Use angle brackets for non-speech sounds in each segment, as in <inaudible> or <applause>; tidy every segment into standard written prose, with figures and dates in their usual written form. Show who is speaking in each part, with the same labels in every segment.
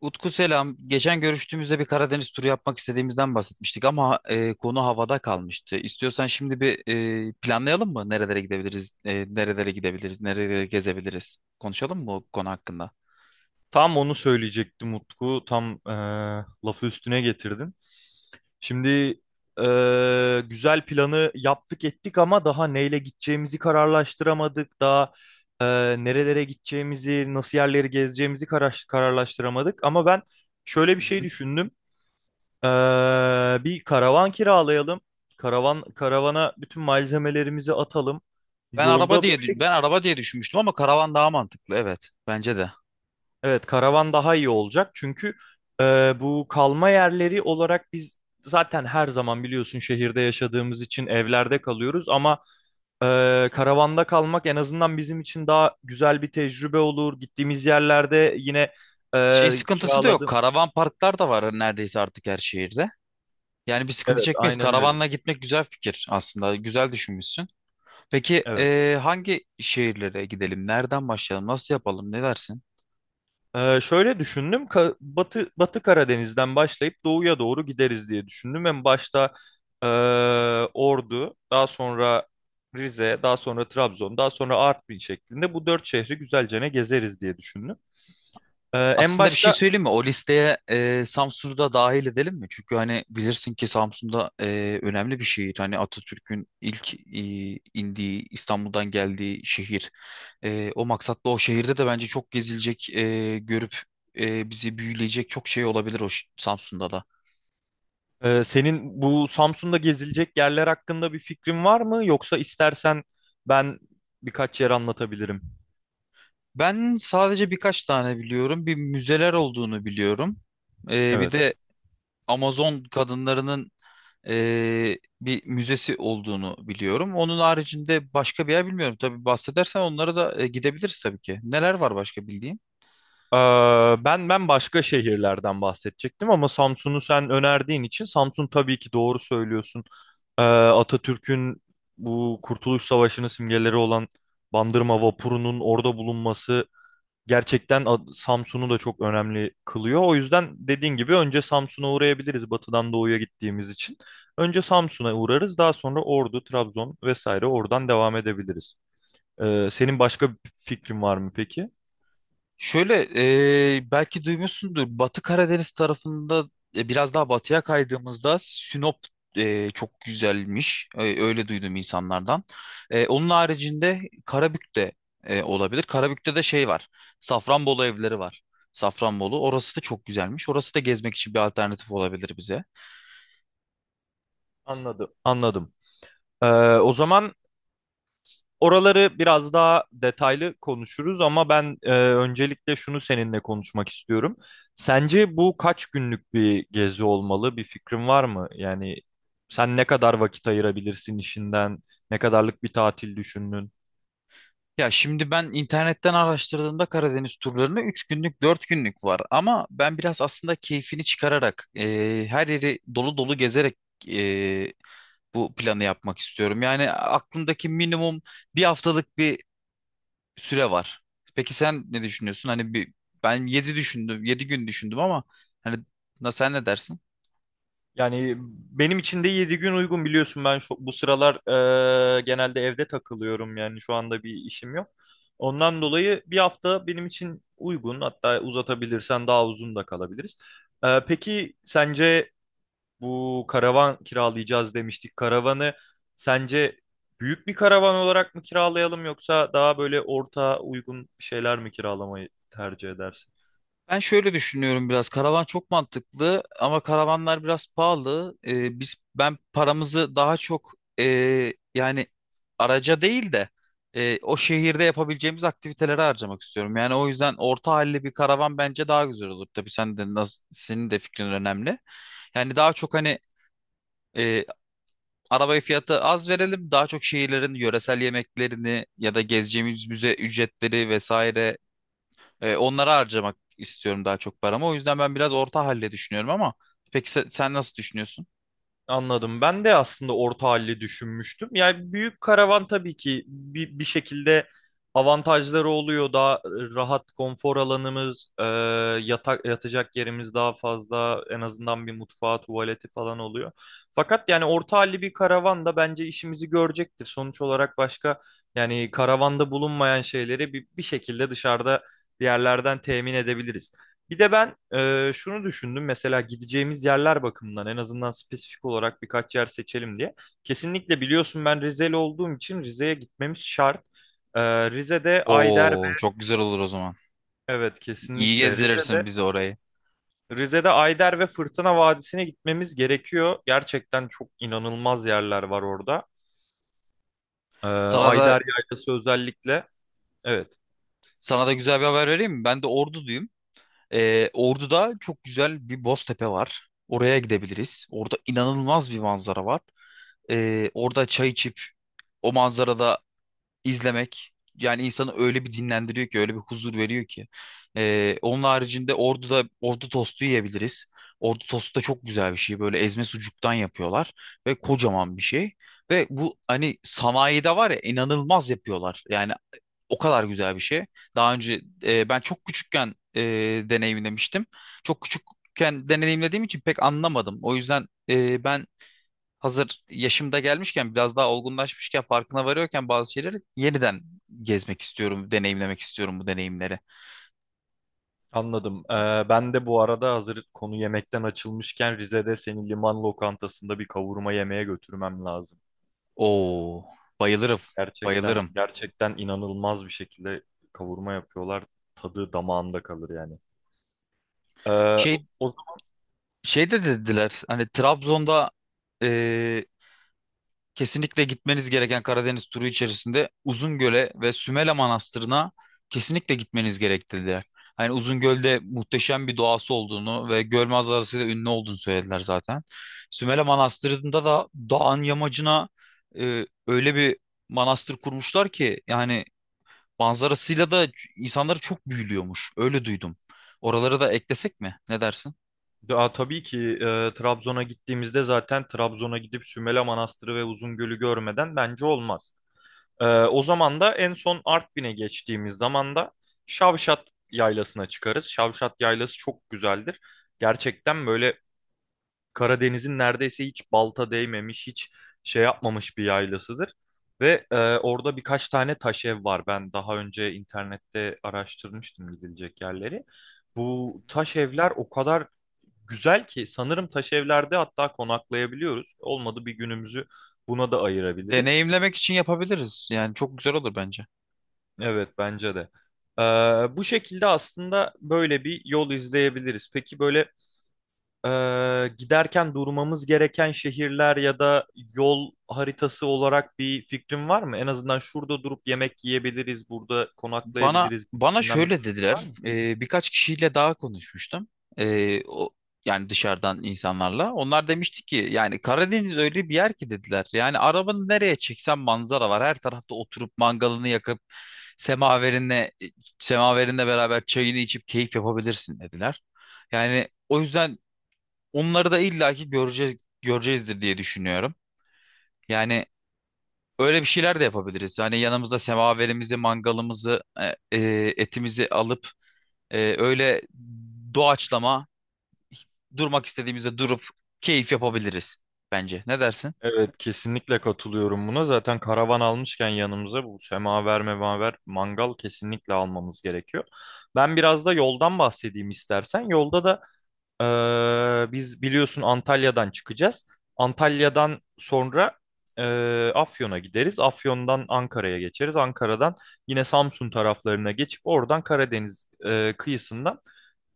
Speaker 1: Utku selam. Geçen görüştüğümüzde bir Karadeniz turu yapmak istediğimizden bahsetmiştik ama konu havada kalmıştı. İstiyorsan şimdi bir planlayalım mı? Nerelere gidebiliriz? Nerelere gidebiliriz? Nerelere gezebiliriz? Konuşalım mı bu konu hakkında?
Speaker 2: Tam onu söyleyecektim Utku. Tam lafı üstüne getirdin. Şimdi güzel planı yaptık ettik ama daha neyle gideceğimizi kararlaştıramadık. Daha e, nerelere gideceğimizi, nasıl yerleri gezeceğimizi kararlaştıramadık. Ama ben şöyle bir
Speaker 1: Hı
Speaker 2: şey
Speaker 1: hı.
Speaker 2: düşündüm. E, Bir karavan kiralayalım. Karavana bütün malzemelerimizi atalım.
Speaker 1: Ben araba
Speaker 2: Yolda
Speaker 1: diye ben araba diye düşünmüştüm ama karavan daha mantıklı. Evet, bence de.
Speaker 2: Evet, karavan daha iyi olacak çünkü bu kalma yerleri olarak biz zaten her zaman biliyorsun şehirde yaşadığımız için evlerde kalıyoruz ama e, karavanda kalmak en azından bizim için daha güzel bir tecrübe olur. Gittiğimiz yerlerde yine
Speaker 1: Şey sıkıntısı da yok.
Speaker 2: kiraladım.
Speaker 1: Karavan parklar da var neredeyse artık her şehirde. Yani bir sıkıntı
Speaker 2: Evet,
Speaker 1: çekmeyiz.
Speaker 2: aynen öyle.
Speaker 1: Karavanla gitmek güzel fikir aslında. Güzel düşünmüşsün. Peki
Speaker 2: Evet.
Speaker 1: hangi şehirlere gidelim? Nereden başlayalım? Nasıl yapalım? Ne dersin?
Speaker 2: Şöyle düşündüm. Batı Karadeniz'den başlayıp doğuya doğru gideriz diye düşündüm. En başta ee, Ordu, daha sonra Rize, daha sonra Trabzon, daha sonra Artvin şeklinde bu dört şehri güzelce ne gezeriz diye düşündüm. En
Speaker 1: Aslında bir şey
Speaker 2: başta
Speaker 1: söyleyeyim mi? O listeye Samsun'u da dahil edelim mi? Çünkü hani bilirsin ki Samsun'da önemli bir şehir. Hani Atatürk'ün ilk indiği, İstanbul'dan geldiği şehir. O maksatla o şehirde de bence çok gezilecek, görüp bizi büyüleyecek çok şey olabilir Samsun'da da.
Speaker 2: Senin bu Samsun'da gezilecek yerler hakkında bir fikrin var mı? Yoksa istersen ben birkaç yer anlatabilirim.
Speaker 1: Ben sadece birkaç tane biliyorum. Bir müzeler olduğunu biliyorum. Bir
Speaker 2: Evet.
Speaker 1: de Amazon kadınlarının bir müzesi olduğunu biliyorum. Onun haricinde başka bir yer bilmiyorum. Tabii bahsedersen onlara da gidebiliriz tabii ki. Neler var başka bildiğin?
Speaker 2: Ee, ben başka şehirlerden bahsedecektim ama Samsun'u sen önerdiğin için Samsun tabii ki doğru söylüyorsun. Atatürk'ün bu Kurtuluş Savaşı'nın simgeleri olan Bandırma vapurunun orada bulunması gerçekten Samsun'u da çok önemli kılıyor. O yüzden dediğin gibi önce Samsun'a uğrayabiliriz batıdan doğuya gittiğimiz için. Önce Samsun'a uğrarız daha sonra Ordu, Trabzon vesaire oradan devam edebiliriz. Senin başka bir fikrin var mı peki?
Speaker 1: Şöyle belki duymuşsundur. Batı Karadeniz tarafında biraz daha batıya kaydığımızda Sinop çok güzelmiş. Öyle duydum insanlardan. Onun haricinde Karabük de olabilir. Karabük'te de şey var. Safranbolu evleri var. Safranbolu. Orası da çok güzelmiş. Orası da gezmek için bir alternatif olabilir bize.
Speaker 2: Anladım. Anladım. Ee, O zaman oraları biraz daha detaylı konuşuruz ama ben öncelikle şunu seninle konuşmak istiyorum. Sence bu kaç günlük bir gezi olmalı? Bir fikrin var mı? Yani sen ne kadar vakit ayırabilirsin işinden? Ne kadarlık bir tatil düşündün?
Speaker 1: Ya şimdi ben internetten araştırdığımda Karadeniz turlarını 3 günlük 4 günlük var. Ama ben biraz aslında keyfini çıkararak her yeri dolu dolu gezerek e, bu planı yapmak istiyorum. Yani aklımdaki minimum bir haftalık bir süre var. Peki sen ne düşünüyorsun? Hani ben 7 düşündüm, 7 gün düşündüm ama hani sen ne dersin?
Speaker 2: Yani benim için de 7 gün uygun biliyorsun ben bu sıralar genelde evde takılıyorum yani şu anda bir işim yok. Ondan dolayı bir hafta benim için uygun hatta uzatabilirsen daha uzun da kalabiliriz. Peki sence bu karavan kiralayacağız demiştik. Karavanı sence büyük bir karavan olarak mı kiralayalım yoksa daha böyle orta uygun şeyler mi kiralamayı tercih edersin?
Speaker 1: Ben şöyle düşünüyorum biraz. Karavan çok mantıklı ama karavanlar biraz pahalı. Biz ben paramızı daha çok e, yani araca değil de o şehirde yapabileceğimiz aktivitelere harcamak istiyorum. Yani o yüzden orta halli bir karavan bence daha güzel olur. Tabii sen de nasıl, senin de fikrin önemli. Yani daha çok hani e, arabayı fiyatı az verelim. Daha çok şehirlerin yöresel yemeklerini ya da gezeceğimiz müze ücretleri vesaire onlara harcamak istiyorum daha çok paramı. O yüzden ben biraz orta halde düşünüyorum ama peki sen, nasıl düşünüyorsun?
Speaker 2: Anladım. Ben de aslında orta halli düşünmüştüm. Yani büyük karavan tabii ki bir şekilde avantajları oluyor. Daha rahat konfor alanımız, yatak, yatacak yerimiz daha fazla. En azından bir mutfağı, tuvaleti falan oluyor. Fakat yani orta halli bir karavan da bence işimizi görecektir. Sonuç olarak yani karavanda bulunmayan şeyleri bir şekilde dışarıda bir yerlerden temin edebiliriz. Bir de ben şunu düşündüm mesela gideceğimiz yerler bakımından en azından spesifik olarak birkaç yer seçelim diye. Kesinlikle biliyorsun ben Rizeli olduğum için Rize'ye gitmemiz şart. E, Rize'de Ayder ve
Speaker 1: Oo, çok güzel olur o zaman.
Speaker 2: Evet,
Speaker 1: İyi
Speaker 2: kesinlikle
Speaker 1: gezdirirsin
Speaker 2: Rize'de
Speaker 1: bizi orayı.
Speaker 2: Rize'de Ayder ve Fırtına Vadisi'ne gitmemiz gerekiyor. Gerçekten çok inanılmaz yerler var orada.
Speaker 1: Sana da
Speaker 2: Ayder Yaylası özellikle, evet.
Speaker 1: sana da güzel bir haber vereyim mi? Ben de Ordu'duyum. Ordu'da çok güzel bir Boztepe var. Oraya gidebiliriz. Orada inanılmaz bir manzara var. Orada çay içip o manzarada izlemek yani insanı öyle bir dinlendiriyor ki öyle bir huzur veriyor ki. Onun haricinde Ordu'da ordu tostu yiyebiliriz. Ordu tostu da çok güzel bir şey. Böyle ezme sucuktan yapıyorlar ve kocaman bir şey. Ve bu hani sanayide var ya inanılmaz yapıyorlar. Yani o kadar güzel bir şey. Daha önce ben çok küçükken deneyimlemiştim. Çok küçükken deneyimlediğim için pek anlamadım. O yüzden ben hazır yaşımda gelmişken biraz daha olgunlaşmışken farkına varıyorken bazı şeyleri yeniden gezmek istiyorum, deneyimlemek istiyorum bu deneyimleri.
Speaker 2: Anladım. Ben de bu arada hazır konu yemekten açılmışken Rize'de senin liman lokantasında bir kavurma yemeye götürmem lazım.
Speaker 1: Oo, bayılırım,
Speaker 2: Gerçekten
Speaker 1: bayılırım.
Speaker 2: gerçekten inanılmaz bir şekilde kavurma yapıyorlar. Tadı damağında kalır yani. Ee,
Speaker 1: Şey,
Speaker 2: o,
Speaker 1: şey de dediler hani Trabzon'da kesinlikle gitmeniz gereken Karadeniz turu içerisinde Uzungöl'e ve Sümele Manastırı'na kesinlikle gitmeniz gerek dediler. Hani Uzungöl'de muhteşem bir doğası olduğunu ve göl manzarasıyla ünlü olduğunu söylediler zaten. Sümele Manastırı'nda da dağın yamacına öyle bir manastır kurmuşlar ki yani manzarasıyla da insanları çok büyülüyormuş. Öyle duydum. Oraları da eklesek mi? Ne dersin?
Speaker 2: Aa, tabii ki Trabzon'a gittiğimizde zaten Trabzon'a gidip Sümele Manastırı ve Uzungöl'ü görmeden bence olmaz. O zaman da en son Artvin'e geçtiğimiz zaman da Şavşat Yaylası'na çıkarız. Şavşat Yaylası çok güzeldir. Gerçekten böyle Karadeniz'in neredeyse hiç balta değmemiş, hiç şey yapmamış bir yaylasıdır. Ve orada birkaç tane taş ev var. Ben daha önce internette araştırmıştım gidilecek yerleri.
Speaker 1: Hı
Speaker 2: Bu
Speaker 1: hı.
Speaker 2: taş evler o kadar güzel ki sanırım taş evlerde hatta konaklayabiliyoruz. Olmadı bir günümüzü buna da ayırabiliriz.
Speaker 1: Deneyimlemek için yapabiliriz. Yani çok güzel olur bence.
Speaker 2: Evet, bence de. E, Bu şekilde aslında böyle bir yol izleyebiliriz. Peki böyle Ee, giderken durmamız gereken şehirler ya da yol haritası olarak bir fikrin var mı? En azından şurada durup yemek yiyebiliriz, burada
Speaker 1: Bana
Speaker 2: konaklayabiliriz
Speaker 1: bana
Speaker 2: gibisinden bir
Speaker 1: şöyle
Speaker 2: fikrin var
Speaker 1: dediler.
Speaker 2: mı?
Speaker 1: Birkaç kişiyle daha konuşmuştum. O yani dışarıdan insanlarla. Onlar demişti ki yani Karadeniz öyle bir yer ki dediler. Yani arabanı nereye çeksen manzara var. Her tarafta oturup mangalını yakıp semaverinle semaverinle beraber çayını içip keyif yapabilirsin dediler. Yani o yüzden onları da illaki göreceğiz göreceğizdir diye düşünüyorum. Yani öyle bir şeyler de yapabiliriz. Hani yanımızda semaverimizi, mangalımızı, etimizi alıp öyle doğaçlama durmak istediğimizde durup keyif yapabiliriz bence. Ne dersin?
Speaker 2: Evet, kesinlikle katılıyorum buna. Zaten karavan almışken yanımıza bu semaver memaver mangal kesinlikle almamız gerekiyor. Ben biraz da yoldan bahsedeyim istersen. Yolda da Biz biliyorsun Antalya'dan çıkacağız. Antalya'dan sonra e, Afyon'a gideriz. Afyon'dan Ankara'ya geçeriz. Ankara'dan yine Samsun taraflarına geçip oradan Karadeniz kıyısından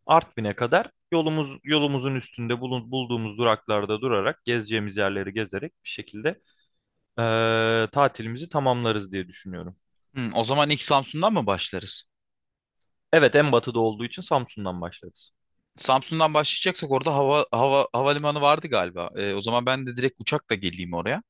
Speaker 2: Artvin'e kadar yolumuzun üstünde bulduğumuz duraklarda durarak gezeceğimiz yerleri gezerek bir şekilde tatilimizi tamamlarız diye düşünüyorum.
Speaker 1: O zaman ilk Samsun'dan mı başlarız?
Speaker 2: Evet, en batıda olduğu için Samsun'dan başlarız.
Speaker 1: Samsun'dan başlayacaksak orada havalimanı vardı galiba. O zaman ben de direkt uçakla geleyim oraya.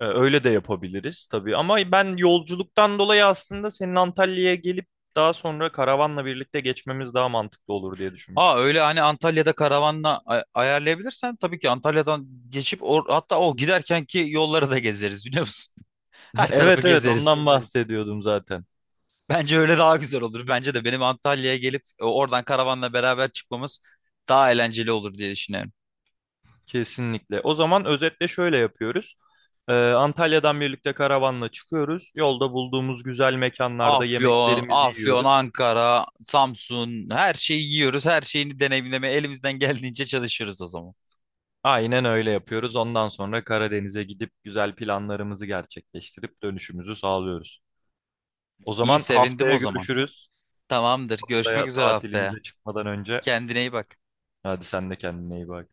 Speaker 2: Öyle de yapabiliriz tabii ama ben yolculuktan dolayı aslında senin Antalya'ya gelip daha sonra karavanla birlikte geçmemiz daha mantıklı olur diye
Speaker 1: Aa
Speaker 2: düşünmüştüm.
Speaker 1: öyle hani Antalya'da karavanla ayarlayabilirsen tabii ki Antalya'dan geçip hatta o giderken ki yolları da gezeriz biliyor musun? <laughs> Her
Speaker 2: <laughs>
Speaker 1: tarafı
Speaker 2: Evet, evet,
Speaker 1: gezeriz.
Speaker 2: ondan bahsediyordum zaten.
Speaker 1: Bence öyle daha güzel olur. Bence de benim Antalya'ya gelip oradan karavanla beraber çıkmamız daha eğlenceli olur diye düşünüyorum.
Speaker 2: Kesinlikle. O zaman özetle şöyle yapıyoruz. Antalya'dan birlikte karavanla çıkıyoruz. Yolda bulduğumuz güzel mekanlarda
Speaker 1: Afyon,
Speaker 2: yemeklerimizi
Speaker 1: Afyon,
Speaker 2: yiyoruz.
Speaker 1: Ankara, Samsun her şeyi yiyoruz. Her şeyini deneyimlemeye elimizden geldiğince çalışıyoruz o zaman.
Speaker 2: Aynen öyle yapıyoruz. Ondan sonra Karadeniz'e gidip güzel planlarımızı gerçekleştirip dönüşümüzü sağlıyoruz. O
Speaker 1: İyi
Speaker 2: zaman
Speaker 1: sevindim
Speaker 2: haftaya
Speaker 1: o zaman.
Speaker 2: görüşürüz.
Speaker 1: Tamamdır. Görüşmek
Speaker 2: Haftaya
Speaker 1: üzere haftaya.
Speaker 2: tatilimize çıkmadan önce
Speaker 1: Kendine iyi bak.
Speaker 2: hadi sen de kendine iyi bak.